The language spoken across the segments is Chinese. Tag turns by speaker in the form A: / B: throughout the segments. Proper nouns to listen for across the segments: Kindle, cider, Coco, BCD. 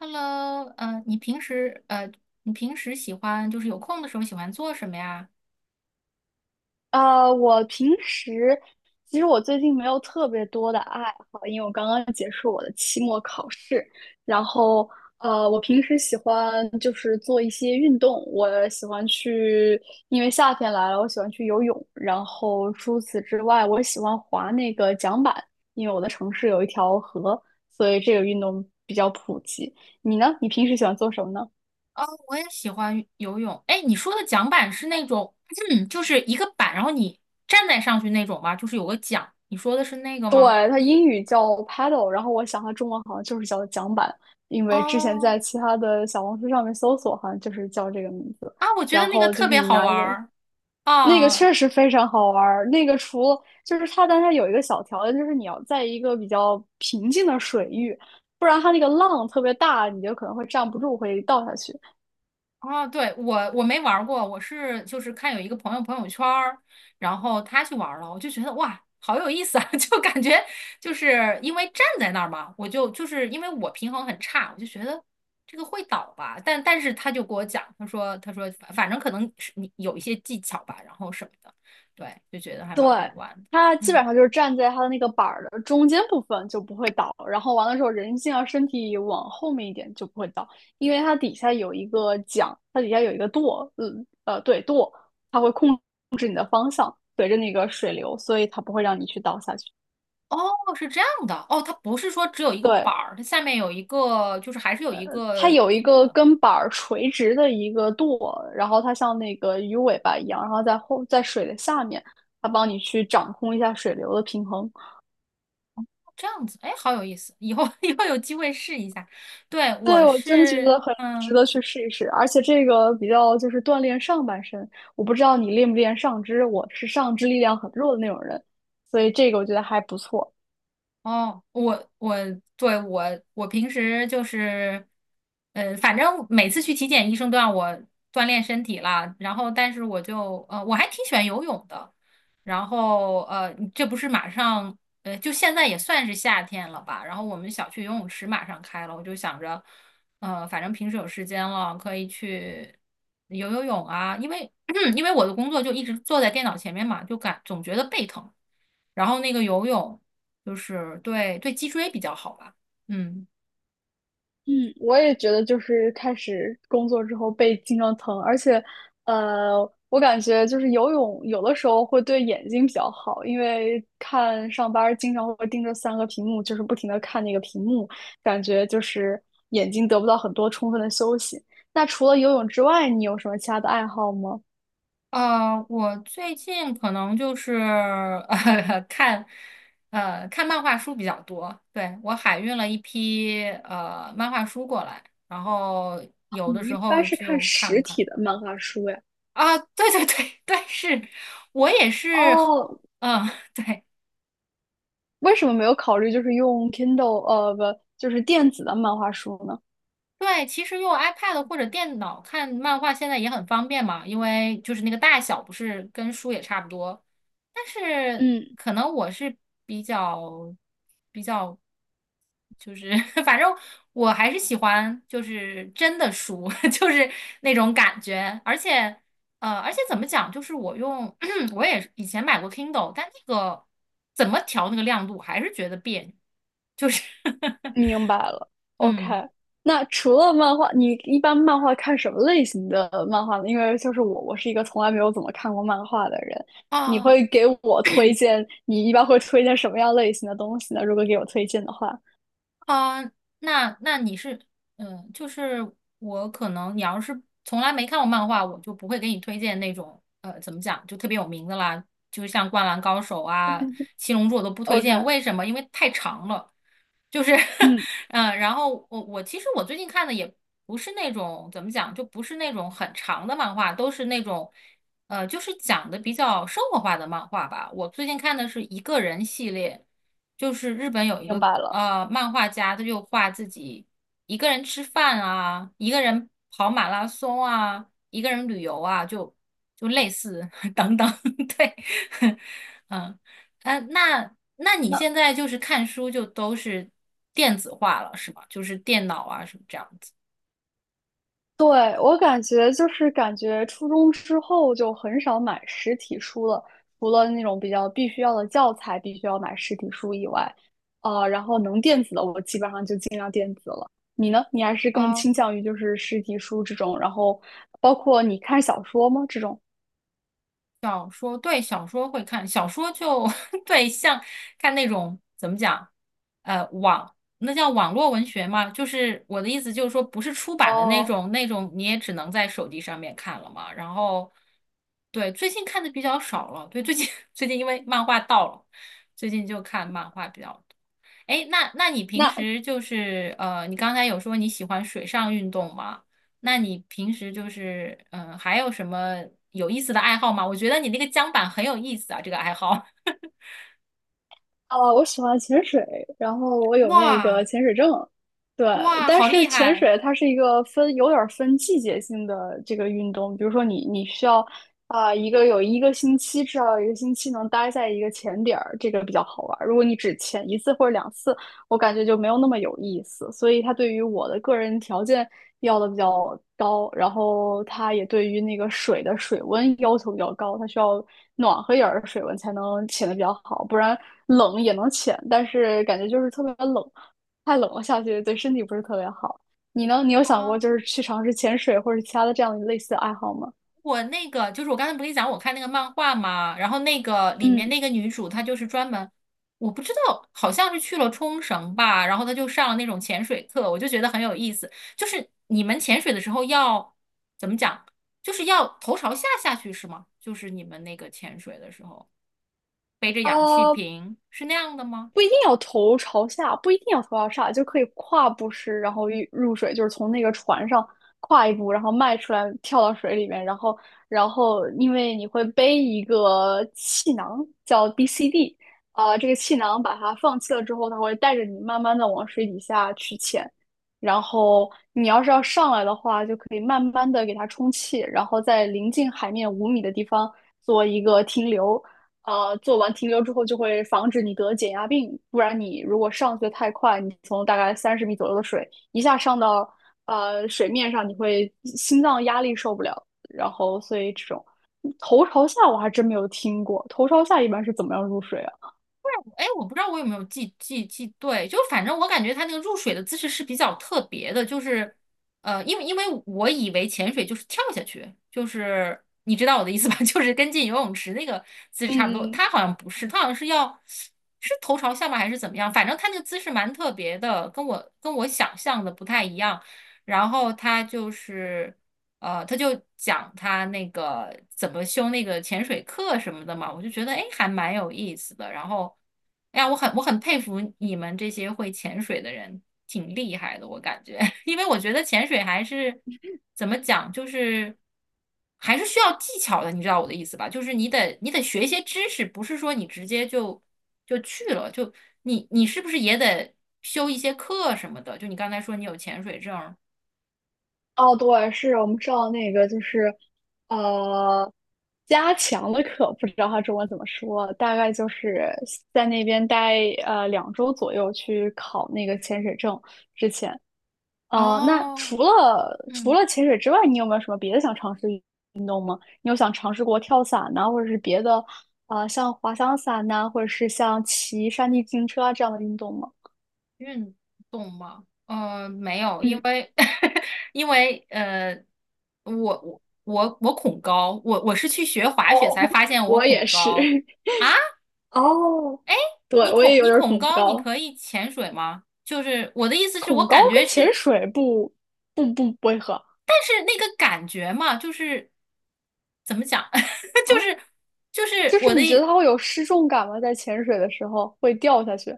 A: Hello，你平时喜欢就是有空的时候喜欢做什么呀？
B: 我平时其实我最近没有特别多的爱好，因为我刚刚结束我的期末考试。然后，我平时喜欢就是做一些运动，我喜欢去，因为夏天来了，我喜欢去游泳。然后除此之外，我喜欢滑那个桨板，因为我的城市有一条河，所以这个运动比较普及。你呢？你平时喜欢做什么呢？
A: 哦，我也喜欢游泳。哎，你说的桨板是那种，就是一个板，然后你站在上去那种吗？就是有个桨。你说的是那个
B: 对，
A: 吗？
B: 它英语叫 Paddle，然后我想它中文好像就是叫桨板，因为之前
A: 哦，
B: 在其他的小红书上面搜索，好像就是叫这个名字。
A: 啊，我觉得
B: 然
A: 那个
B: 后就
A: 特
B: 是
A: 别
B: 你
A: 好
B: 拿
A: 玩
B: 一个，
A: 儿
B: 那个
A: 啊。
B: 确实非常好玩儿。那个除了就是它，但它有一个小条件，就是你要在一个比较平静的水域，不然它那个浪特别大，你就可能会站不住，会倒下去。
A: 哦，对，我没玩儿过，我是就是看有一个朋友朋友圈儿，然后他去玩儿了，我就觉得哇，好有意思啊，就感觉就是因为站在那儿嘛，我就是因为我平衡很差，我就觉得这个会倒吧，但是他就给我讲，他说反正可能是你有一些技巧吧，然后什么的。对，就觉得还
B: 对，
A: 蛮好玩的。
B: 它基
A: 嗯。
B: 本上就是站在它的那个板儿的中间部分就不会倒，然后完了之后人尽量身体往后面一点就不会倒，因为它底下有一个桨，它底下有一个舵，对舵，它会控随着那个水流，所以它不会让你去倒下去。
A: 哦，是这样的，哦，它不是说只有一个
B: 对，
A: 板儿，它下面有一个，就是还是有一
B: 它
A: 个
B: 有一个跟板儿垂直的一个舵，然后它像那个鱼尾巴一样，然后在后在水的下面，它帮你去掌控一下水流的平衡。
A: 这样子。哎，好有意思，以后 以后有机会试一下。对，
B: 对，
A: 我
B: 我真的觉
A: 是，
B: 得很值
A: 嗯。
B: 得去试一试，而且这个比较就是锻炼上半身。我不知道你练不练上肢，我是上肢力量很弱的那种人，所以这个我觉得还不错。
A: 哦，我对我平时就是，反正每次去体检，医生都让我锻炼身体啦。然后，但是我还挺喜欢游泳的。然后这不是马上就现在也算是夏天了吧？然后我们小区游泳池马上开了，我就想着，反正平时有时间了，可以去游游泳啊。因为 因为我的工作就一直坐在电脑前面嘛，就总觉得背疼。然后那个游泳。就是对脊椎比较好吧。嗯。
B: 嗯，我也觉得就是开始工作之后背经常疼，而且，呃，我感觉就是游泳有的时候会对眼睛比较好，因为看上班儿经常会盯着3个屏幕，就是不停的看那个屏幕，感觉就是眼睛得不到很多充分的休息。那除了游泳之外，你有什么其他的爱好吗？
A: 我最近可能就是 呃看看漫画书比较多。对，我海运了一批漫画书过来，然后有的
B: 你一
A: 时候
B: 般是看
A: 就看
B: 实
A: 看。
B: 体的漫画书呀？
A: 啊，对对对对，是我也是，
B: 哦，
A: 嗯，对。
B: 为什么没有考虑就是用 Kindle，不，就是电子的漫画书呢？
A: 对，其实用 iPad 或者电脑看漫画现在也很方便嘛，因为就是那个大小不是跟书也差不多。但是
B: 嗯。
A: 可能我是比较比较，就是 反正我还是喜欢就是真的书，就是那种感觉。而且怎么讲，就是我用 我也以前买过 Kindle,但那个怎么调那个亮度，还是觉得别扭，就是
B: 明白了 ，OK。
A: 嗯。
B: 那除了漫画，你一般漫画看什么类型的漫画呢？因为就是我，我是一个从来没有怎么看过漫画的人。你
A: 啊。
B: 会给我推荐，你一般会推荐什么样类型的东西呢？如果给我推荐的话
A: 啊，那你是，嗯，就是我可能你要是从来没看过漫画，我就不会给你推荐那种，怎么讲，就特别有名的啦，就像《灌篮高手》啊、《七龙珠》我都不推
B: ，OK，
A: 荐。为什么？因为太长了，就是
B: 嗯，
A: 嗯，然后我其实我最近看的也不是那种怎么讲，就不是那种很长的漫画，都是那种就是讲的比较生活化的漫画吧。我最近看的是一个人系列，就是日本有一
B: 明
A: 个
B: 白了。
A: 漫画家，他就画自己一个人吃饭啊，一个人跑马拉松啊，一个人旅游啊，就类似 等等，对，嗯。那你
B: 那
A: 现在就是看书就都是电子化了，是吗？就是电脑啊什么这样子。
B: 对，我感觉就是感觉初中之后就很少买实体书了，除了那种比较必须要的教材必须要买实体书以外，然后能电子的我基本上就尽量电子了。你呢？你还是更
A: 哦，
B: 倾向于就是实体书这种，然后包括你看小说吗？这种？
A: 小说，对，小说会看，小说就 对，像看那种怎么讲，那叫网络文学嘛，就是我的意思就是说，不是出版的那
B: 哦，
A: 种，那种你也只能在手机上面看了嘛。然后，对，最近看的比较少了，对，最近 最近因为漫画到了，最近就看漫画比较。哎，那你平
B: 那
A: 时就是你刚才有说你喜欢水上运动吗？那你平时就是还有什么有意思的爱好吗？我觉得你那个桨板很有意思啊，这个爱好。
B: 哦，我喜欢潜水，然后我有那
A: 哇
B: 个潜水证，对。
A: 哇，
B: 但
A: 好厉
B: 是潜
A: 害！
B: 水它是一个分有点儿分季节性的这个运动，比如说你需要有一个星期，至少有一个星期能待在一个潜点儿，这个比较好玩儿。如果你只潜一次或者两次，我感觉就没有那么有意思，所以他对于我的个人条件要的比较高，然后他也对于那个水的水温要求比较高，它需要暖和一点儿的水温才能潜的比较好，不然冷也能潜，但是感觉就是特别冷，太冷了下去对身体不是特别好。你呢？你有想过就
A: 哦，
B: 是去尝试潜水或者其他的这样类似的爱好吗？
A: 我那个就是我刚才不跟你讲，我看那个漫画嘛，然后那个里面
B: 嗯，
A: 那个女主她就是专门，我不知道好像是去了冲绳吧，然后她就上了那种潜水课，我就觉得很有意思。就是你们潜水的时候要怎么讲，就是要头朝下下去是吗？就是你们那个潜水的时候背着氧气
B: 啊。
A: 瓶是那样的吗？
B: 不一定要头朝下，不一定要头朝上，就可以跨步式，然后一入水，就是从那个船上跨一步，然后迈出来，跳到水里面，然后，然后因为你会背一个气囊，叫 BCD 这个气囊把它放气了之后，它会带着你慢慢的往水底下去潜，然后你要是要上来的话，就可以慢慢的给它充气，然后在临近海面5米的地方做一个停留。做完停留之后就会防止你得减压病，不然你如果上去的太快，你从大概30米左右的水一下上到水面上，你会心脏压力受不了。然后，所以这种头朝下我还真没有听过，头朝下一般是怎么样入水啊？
A: 哎，我不知道我有没有记对，就反正我感觉它那个入水的姿势是比较特别的，就是因为我以为潜水就是跳下去，就是你知道我的意思吧，就是跟进游泳池那个姿势差不多，
B: 嗯嗯，
A: 它好像不是，它好像是要是头朝下吗还是怎么样？反正它那个姿势蛮特别的，跟我想象的不太一样。然后它就是。他就讲他那个怎么修那个潜水课什么的嘛，我就觉得哎，诶还蛮有意思的。然后，哎呀，我很佩服你们这些会潜水的人，挺厉害的，我感觉，因为我觉得潜水还是怎么讲，就是还是需要技巧的，你知道我的意思吧？就是你得学一些知识，不是说你直接就去了，就你是不是也得修一些课什么的？就你刚才说你有潜水证儿。
B: 哦，对，是我们上那个就是呃加强的课，不知道它中文怎么说，大概就是在那边待2周左右去考那个潜水证之前。那
A: 哦，
B: 除了
A: 嗯。
B: 潜水之外，你有没有什么别的想尝试？你有想尝试过跳伞呐、或者是别的，像滑翔伞呐、或者是像骑山地自行车啊这样的运动吗？
A: 运动吗？没有，因
B: 嗯，
A: 为 因为我恐高，我是去学滑雪
B: 哦，
A: 才发 现我
B: 我也
A: 恐
B: 是。
A: 高啊！
B: 哦，对，
A: 你
B: 我
A: 恐
B: 也有
A: 你
B: 点儿
A: 恐
B: 恐
A: 高，你
B: 高，
A: 可以潜水吗？就是我的意思是我
B: 恐
A: 感
B: 高
A: 觉
B: 跟潜
A: 是，
B: 水不会合
A: 但是那个感觉嘛，就是怎么讲，就
B: 啊。
A: 是就是
B: 就是
A: 我的。
B: 你觉得它会有失重感吗？在潜水的时候会掉下去？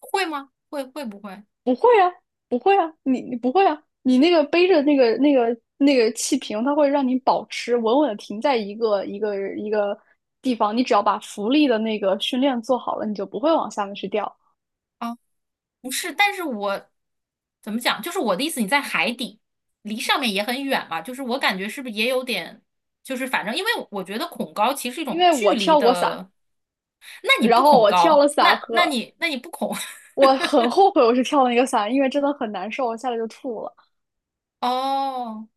A: 会吗？会不会？
B: 不会啊，不会啊，你不会啊，你那个背着那个气瓶，它会让你保持稳稳的停在一个一个一个地方。你只要把浮力的那个训练做好了，你就不会往下面去掉。
A: 啊？不是，但是我怎么讲？就是我的意思，你在海底，离上面也很远嘛。就是我感觉是不是也有点，就是反正因为我觉得恐高其实是一
B: 因
A: 种
B: 为我
A: 距离
B: 跳过伞，
A: 的。那你
B: 然
A: 不
B: 后
A: 恐
B: 我跳了
A: 高，
B: 伞
A: 那那
B: 和
A: 你那你不恐
B: 我很后悔我是跳了那个伞，因为真的很难受，我下来就吐了。
A: 哦，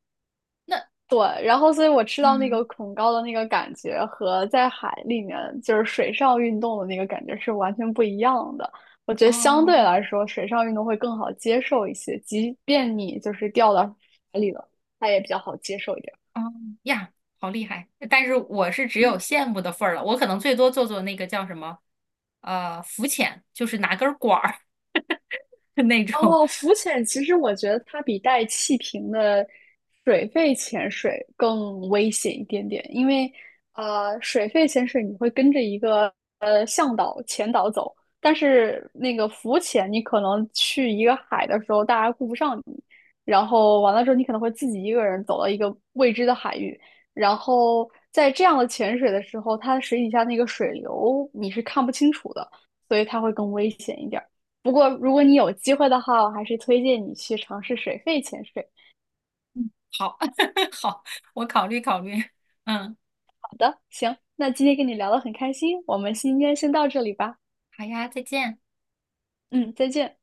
A: 那
B: 对，然后所以我吃到那
A: 嗯
B: 个恐高的那个感觉和在海里面就是水上运动的那个感觉是完全不一样的。我觉得相对
A: 哦
B: 来说，水上运动会更好接受一些，即便你就是掉到海里了，它也比较好接受一点。
A: 哦呀，好厉害！但是我是只有羡慕的份儿了，我可能最多做做那个叫什么浮潜，就是拿根儿管儿 那种。
B: 哦，浮潜其实我觉得它比带气瓶的水肺潜水更危险一点点，因为水肺潜水你会跟着一个向导、前导走，但是那个浮潜你可能去一个海的时候，大家顾不上你，然后完了之后你可能会自己一个人走到一个未知的海域，然后在这样的潜水的时候，它水底下那个水流你是看不清楚的，所以它会更危险一点儿。不过如果你有机会的话，我还是推荐你去尝试水肺潜水。
A: 好 好，我考虑考虑，嗯。
B: 好的，行，那今天跟你聊得很开心，我们今天先到这里吧。
A: 好呀，再见。
B: 嗯，再见。